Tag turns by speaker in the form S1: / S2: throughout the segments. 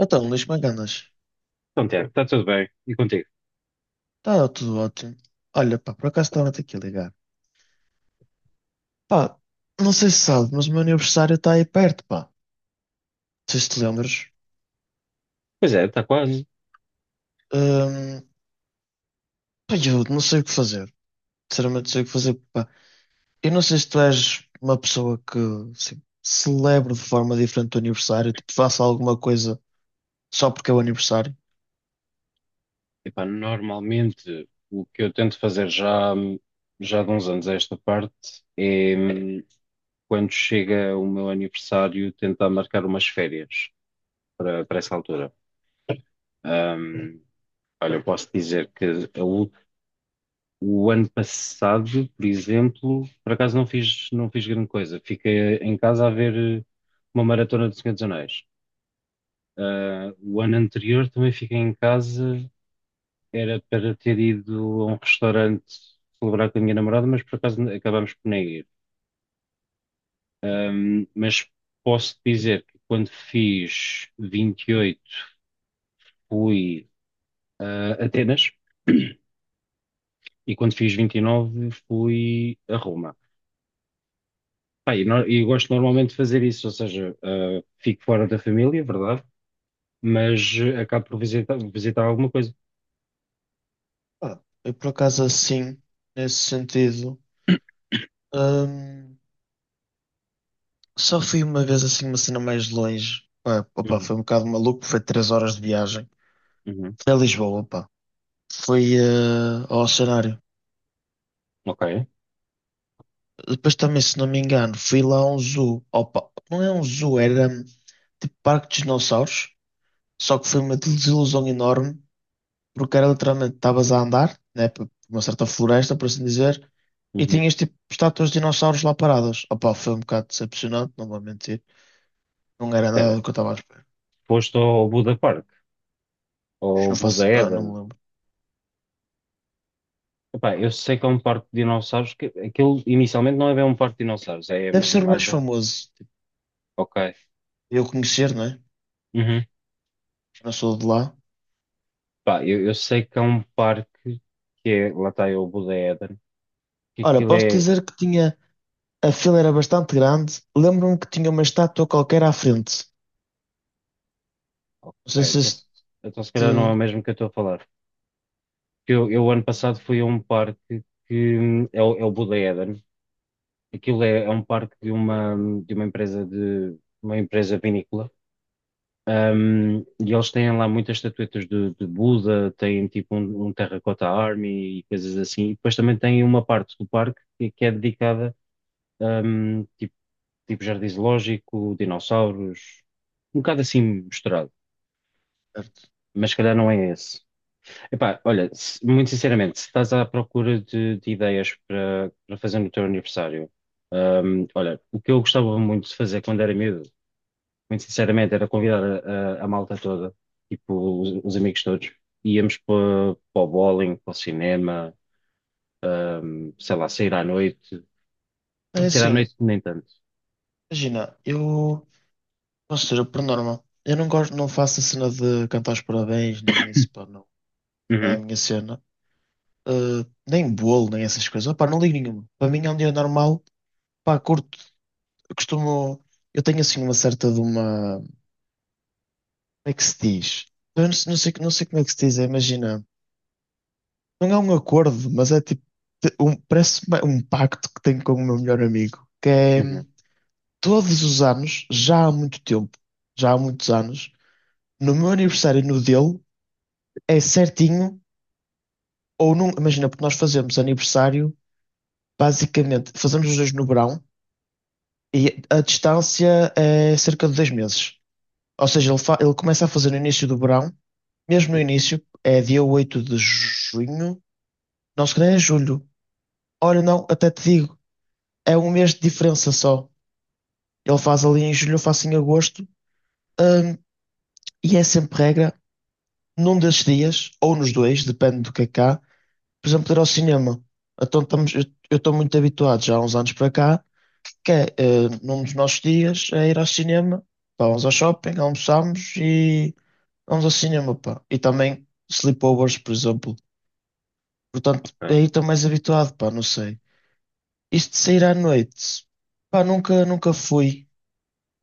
S1: Então, Luís, como é?
S2: Então, Tiago, está tudo bem. E contigo?
S1: Está tudo ótimo. Olha, pá, por acaso estava-te aqui a ligar. Pá, não sei se sabe, mas o meu aniversário está aí perto, pá. Não sei se te lembras.
S2: Pois é, está quase.
S1: Hum, pá, eu não sei o que fazer. Sinceramente, não sei o que fazer, pá. Eu não sei se tu és uma pessoa que, assim, celebra de forma diferente o aniversário, tipo, faça alguma coisa só porque é o aniversário.
S2: Epá, normalmente o que eu tento fazer já de uns anos a esta parte é quando chega o meu aniversário tentar marcar umas férias para essa altura. Hum, Olha, eu posso dizer que o, o ano passado, por exemplo, por acaso não fiz grande coisa. Fiquei em casa a ver eh, uma maratona do Senhor dos Anéis. Ah, o ano anterior também fiquei em casa. Era para ter ido a um restaurante celebrar com a minha namorada, mas por acaso acabámos por nem ir. Mas posso dizer que quando fiz 28 fui a Atenas e quando fiz 29 fui a Roma. Pá, e no- e gosto normalmente de fazer isso, ou seja, ah, fico fora da família, é verdade, mas acabo por visitar alguma coisa.
S1: Pá, eu por acaso assim, nesse sentido. hum, Só fui uma vez assim, uma cena mais longe. Pá, opa,
S2: Uhum,
S1: foi um bocado maluco, foi três horas de viagem.
S2: uhum,
S1: Foi a Lisboa, pá. Foi ao cenário.
S2: ok.
S1: Depois também, se não me engano, fui lá a um zoo. Opa, não é um zoo, era tipo parque de dinossauros. Só que foi uma desilusão enorme, porque era literalmente, estavas a andar, né, por uma certa floresta, por assim dizer, e
S2: Uhum.
S1: tinhas tipo estátuas de dinossauros lá paradas. Opa, foi um bocado decepcionante, não vou mentir. Não era nada do
S2: Espera,
S1: que eu estava a esperar.
S2: foste ao Buda Park, ao
S1: Não faço,
S2: Buda
S1: ah, não
S2: Eden.
S1: me lembro.
S2: Epá, eu sei que é um parque de dinossauros, que aquilo inicialmente não é bem um parque de dinossauros, é,
S1: Deve
S2: é
S1: ser o mais
S2: mais um.
S1: famoso, tipo.
S2: Ok.
S1: Eu conhecer, não é?
S2: Uhum.
S1: Eu não sou de lá.
S2: Pá, eu sei que é um parque que é, lá está é o Buda Éden, que
S1: Ora,
S2: aquilo
S1: posso
S2: é.
S1: dizer que tinha. A fila era bastante grande. Lembro-me que tinha uma estátua qualquer à frente.
S2: Ok,
S1: Não sei se
S2: então,
S1: este.
S2: então se calhar não é o mesmo que eu estou a falar. Que eu ano passado fui a um parque que é o Buda Éden, aquilo é um parque de uma empresa vinícola. E eles têm lá muitas estatuetas de Buda, têm tipo um Terracotta Army e coisas assim. E depois também tem uma parte do parque que é dedicada um, tipo, tipo jardim zoológico, dinossauros, um bocado assim misturado.
S1: Certo.
S2: Mas se calhar não é esse. Epá, olha, muito sinceramente, se estás à procura de ideias para fazer no teu aniversário, olha, o que eu gostava muito de fazer quando era miúdo muito sinceramente, era convidar a malta toda, tipo, os amigos todos. Íamos para o bowling, para o cinema, sei lá, sair à noite.
S1: É
S2: Sair à
S1: assim,
S2: noite nem tanto.
S1: imagina, eu. Ou seja, por norma, eu não gosto, não faço a cena de cantar os parabéns, nem isso, pá, não. Não é a
S2: Uhum,
S1: minha cena. Nem bolo, nem essas coisas. Pá, não ligo nenhuma. Para mim é um dia normal. Pá, curto, eu costumo. Eu tenho assim uma certa de uma. É que se diz? Eu não sei, não sei, como é que se diz, é, imagina. Não é um acordo, mas é tipo. Parece um pacto que tenho com o meu melhor amigo, que é
S2: uhum,
S1: todos os anos, já há muito tempo, já há muitos anos, no meu aniversário e no dele, é certinho, ou não. Imagina, porque nós fazemos aniversário, basicamente, fazemos os dois no verão, e a distância é cerca de dois meses. Ou seja, ele, ele começa a fazer no início do verão, mesmo no início, é dia 8 de junho. Nós que é julho. Olha, não, até te digo, é um mês de diferença só. Ele faz ali em julho, eu faço em agosto. Hum, e é sempre regra, num desses dias, ou nos dois, depende do que é cá, por exemplo, ir ao cinema. Então, estamos, eu estou muito habituado já há uns anos para cá, que é, num dos nossos dias, é ir ao cinema, pá, vamos ao shopping, almoçamos e vamos ao cinema, pá. E também sleepovers, por exemplo. Portanto,
S2: ok,
S1: aí estou mais habituado, pá, não sei. Isto de sair à noite, pá, nunca fui,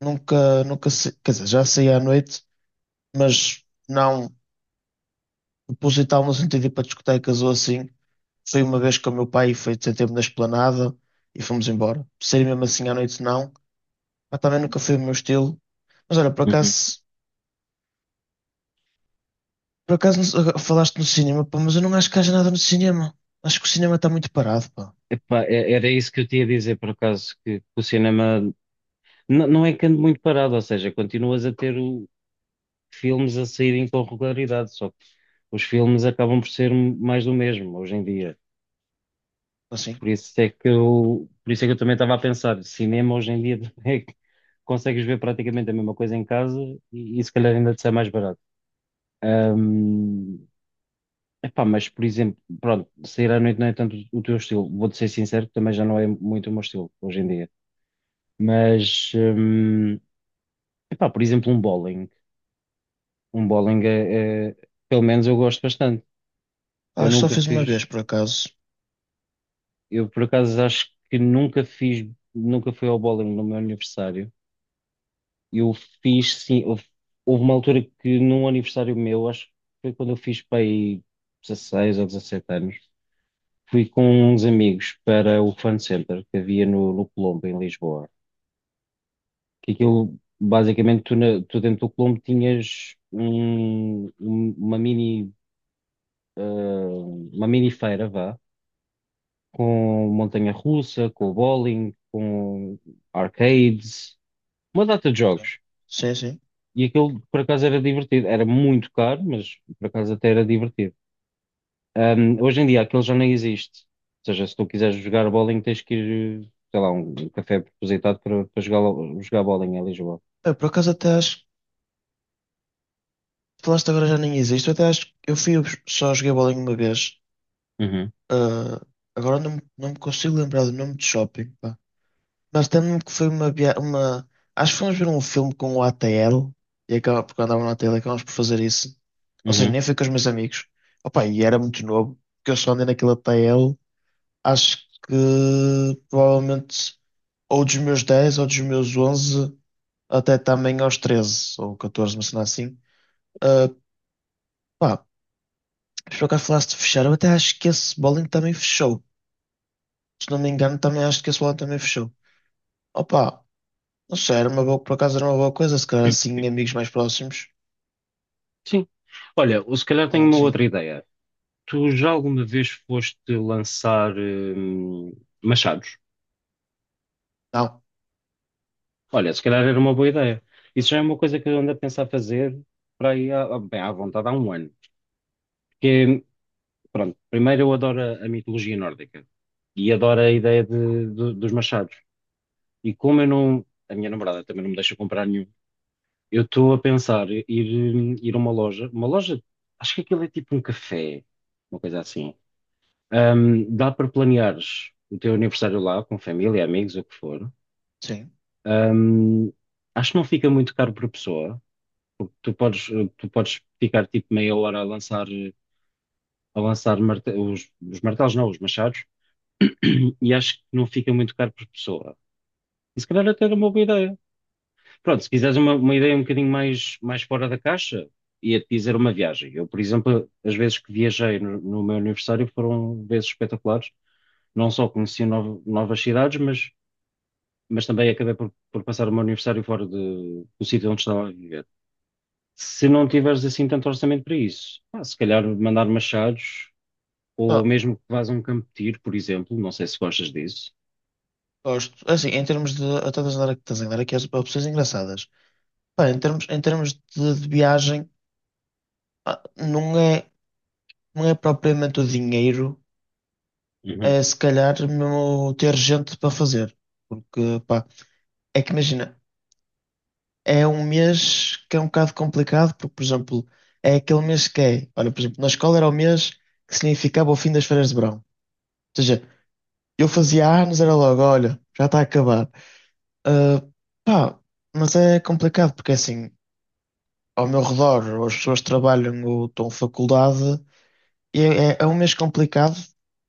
S1: nunca, nunca, quer dizer, já saí à noite, mas não proposital no sentido de ir para discotecas ou assim. Fui uma vez com o meu pai e foi ter tempo na esplanada e fomos embora. Sair mesmo assim à noite, não. Pá, também nunca foi o meu estilo. Mas olha,
S2: uhum.
S1: por acaso não agora falaste no cinema, pá, mas eu não acho que haja nada no cinema. Acho que o cinema está muito parado, pá,
S2: Epá, era isso que eu tinha a dizer, por acaso, que o cinema não é que ande muito parado, ou seja, continuas a ter filmes a saírem com regularidade, só que os filmes acabam por ser mais do mesmo hoje em dia.
S1: assim.
S2: Por isso é que eu, por isso é que eu também estava a pensar, cinema hoje em dia é que consegues ver praticamente a mesma coisa em casa e se calhar ainda te sai mais barato. Hum, Epá, mas por exemplo, pronto, sair à noite não é tanto o teu estilo. Vou-te ser sincero, que também já não é muito o meu estilo hoje em dia. Mas, epá, por exemplo, um bowling. Um bowling é. Pelo menos eu gosto bastante. Eu
S1: Ah, só
S2: nunca
S1: fiz uma
S2: fiz,
S1: vez, por acaso.
S2: eu por acaso acho que nunca fiz, nunca fui ao bowling no meu aniversário. Eu fiz, sim, houve uma altura que num aniversário meu, acho que foi quando eu fiz para aí 16 ou 17 anos, fui com uns amigos para o Fun Center que havia no Colombo, em Lisboa. Que aquilo, basicamente, tu dentro do Colombo tinhas uma mini, ah, uma mini feira, vá, com montanha-russa, com bowling, com arcades, uma data de
S1: Ok.
S2: jogos.
S1: Sim, sim.
S2: E aquilo por acaso era divertido. Era muito caro, mas por acaso até era divertido. Hoje em dia aquilo já nem existe. Ou seja, se tu quiseres jogar bowling, tens que ir, sei lá, um café propositado para jogar, jogar bowling em Lisboa.
S1: É, por acaso até acho. Falaste agora já nem existe. Eu até acho que eu fui, só joguei bowling uma vez.
S2: Uhum,
S1: Ah, agora não, não me consigo lembrar do nome de shopping, pá. Mas lembro-me que foi uma, uma. Acho que fomos ver um filme com o ATL e acaba, porque andava no ATL e acabamos por fazer isso. Ou seja,
S2: uhum.
S1: nem fui com os meus amigos. Opa, e era muito novo, porque eu só andei naquele ATL. Acho que provavelmente ou dos meus 10 ou dos meus 11 até também aos 13 ou 14, uma cena assim. Por acaso falaste de fechar, eu até acho que esse bowling também fechou. Se não me engano, também acho que esse bowling também fechou. Opa, não sei, era uma boa, por acaso era uma boa coisa, se calhar assim, amigos mais próximos.
S2: Sim. Olha, ou se calhar tenho
S1: Bowling,
S2: uma outra
S1: sim.
S2: ideia. Tu já alguma vez foste lançar machados?
S1: Não,
S2: Olha, se calhar era uma boa ideia. Isso já é uma coisa que eu ando a pensar fazer para aí, bem, à vontade há um ano. Pronto, primeiro eu adoro a mitologia nórdica e adoro
S1: sim.
S2: a ideia dos machados. E como eu não, a minha namorada também não me deixa comprar nenhum, eu estou a pensar ir, ir a uma loja, acho que aquilo é tipo um café, uma coisa assim. Dá para planeares o teu aniversário lá, com família, amigos, o que for.
S1: Sim.
S2: Ahm, Acho que não fica muito caro por pessoa, porque tu podes ficar tipo meia hora a lançar, os martelos, não, os machados e acho que não fica muito caro por pessoa. E se calhar até era uma boa ideia. Pronto, se quiseres uma ideia um bocadinho mais fora da caixa, ia-te dizer uma viagem. Eu, por exemplo, as vezes que viajei no meu aniversário foram vezes espetaculares. Não só conheci novas cidades, mas também acabei por passar o meu aniversário fora do sítio onde estava a viver. Se não tiveres assim tanto orçamento para isso, pá, se calhar mandar machados ou
S1: Ah,
S2: mesmo que vás a um campo de tiro, por exemplo. Não sei se gostas disso.
S1: gosto. É assim, em termos de. Eu estou a andar aqui, estás a andar aqui as opções engraçadas. Pá, em termos de viagem, pá, não é, não é propriamente o dinheiro,
S2: Uhum.
S1: é se calhar mesmo ter gente para fazer. Porque, pá, é que imagina. É um mês que é um bocado complicado, porque, por exemplo, é aquele mês que é. Olha, por exemplo, na escola era o mês que significava o fim das férias de verão. Ou seja, eu fazia anos, era logo, olha, já está a acabar. Ah, pá, mas é complicado, porque assim, ao meu redor, as pessoas trabalham ou estão em faculdade, e é, é um mês complicado.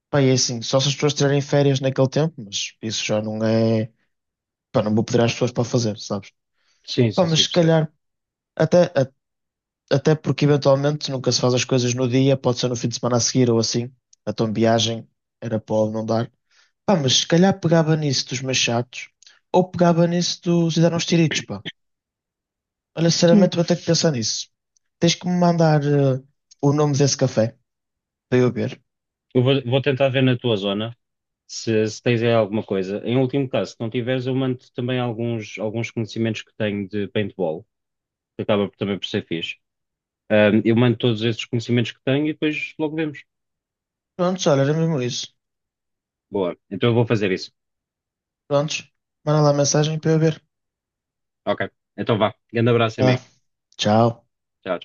S1: Pá, e é assim, só se as pessoas tirarem férias naquele tempo, mas isso já não é. Pá, não vou pedir às pessoas para fazer, sabes?
S2: Sim,
S1: Pá,
S2: sim,
S1: mas
S2: sim,
S1: se
S2: percebo.
S1: calhar. Até, até porque eventualmente nunca se faz as coisas no dia, pode ser no fim de semana a seguir ou assim. Então viagem era pode não dar. Pá, mas se calhar pegava nisso dos machados ou pegava nisso dos hidanos tiritos, pá. Olha, sinceramente vou ter que pensar nisso. Tens que me mandar o nome desse café para eu ver.
S2: Eu vou, vou tentar ver na tua zona se, se tens aí alguma coisa. Em último caso, se não tiveres, eu mando também alguns conhecimentos que tenho de paintball, que acaba também por ser fixe. Eu mando todos esses conhecimentos que tenho e depois logo vemos.
S1: Prontos, olha, era mesmo isso.
S2: Boa, então eu vou fazer isso.
S1: Prontos, manda lá a mensagem para eu ver.
S2: Ok, então vá. Grande abraço,
S1: Vai lá.
S2: amigo.
S1: Tchau.
S2: Tchau.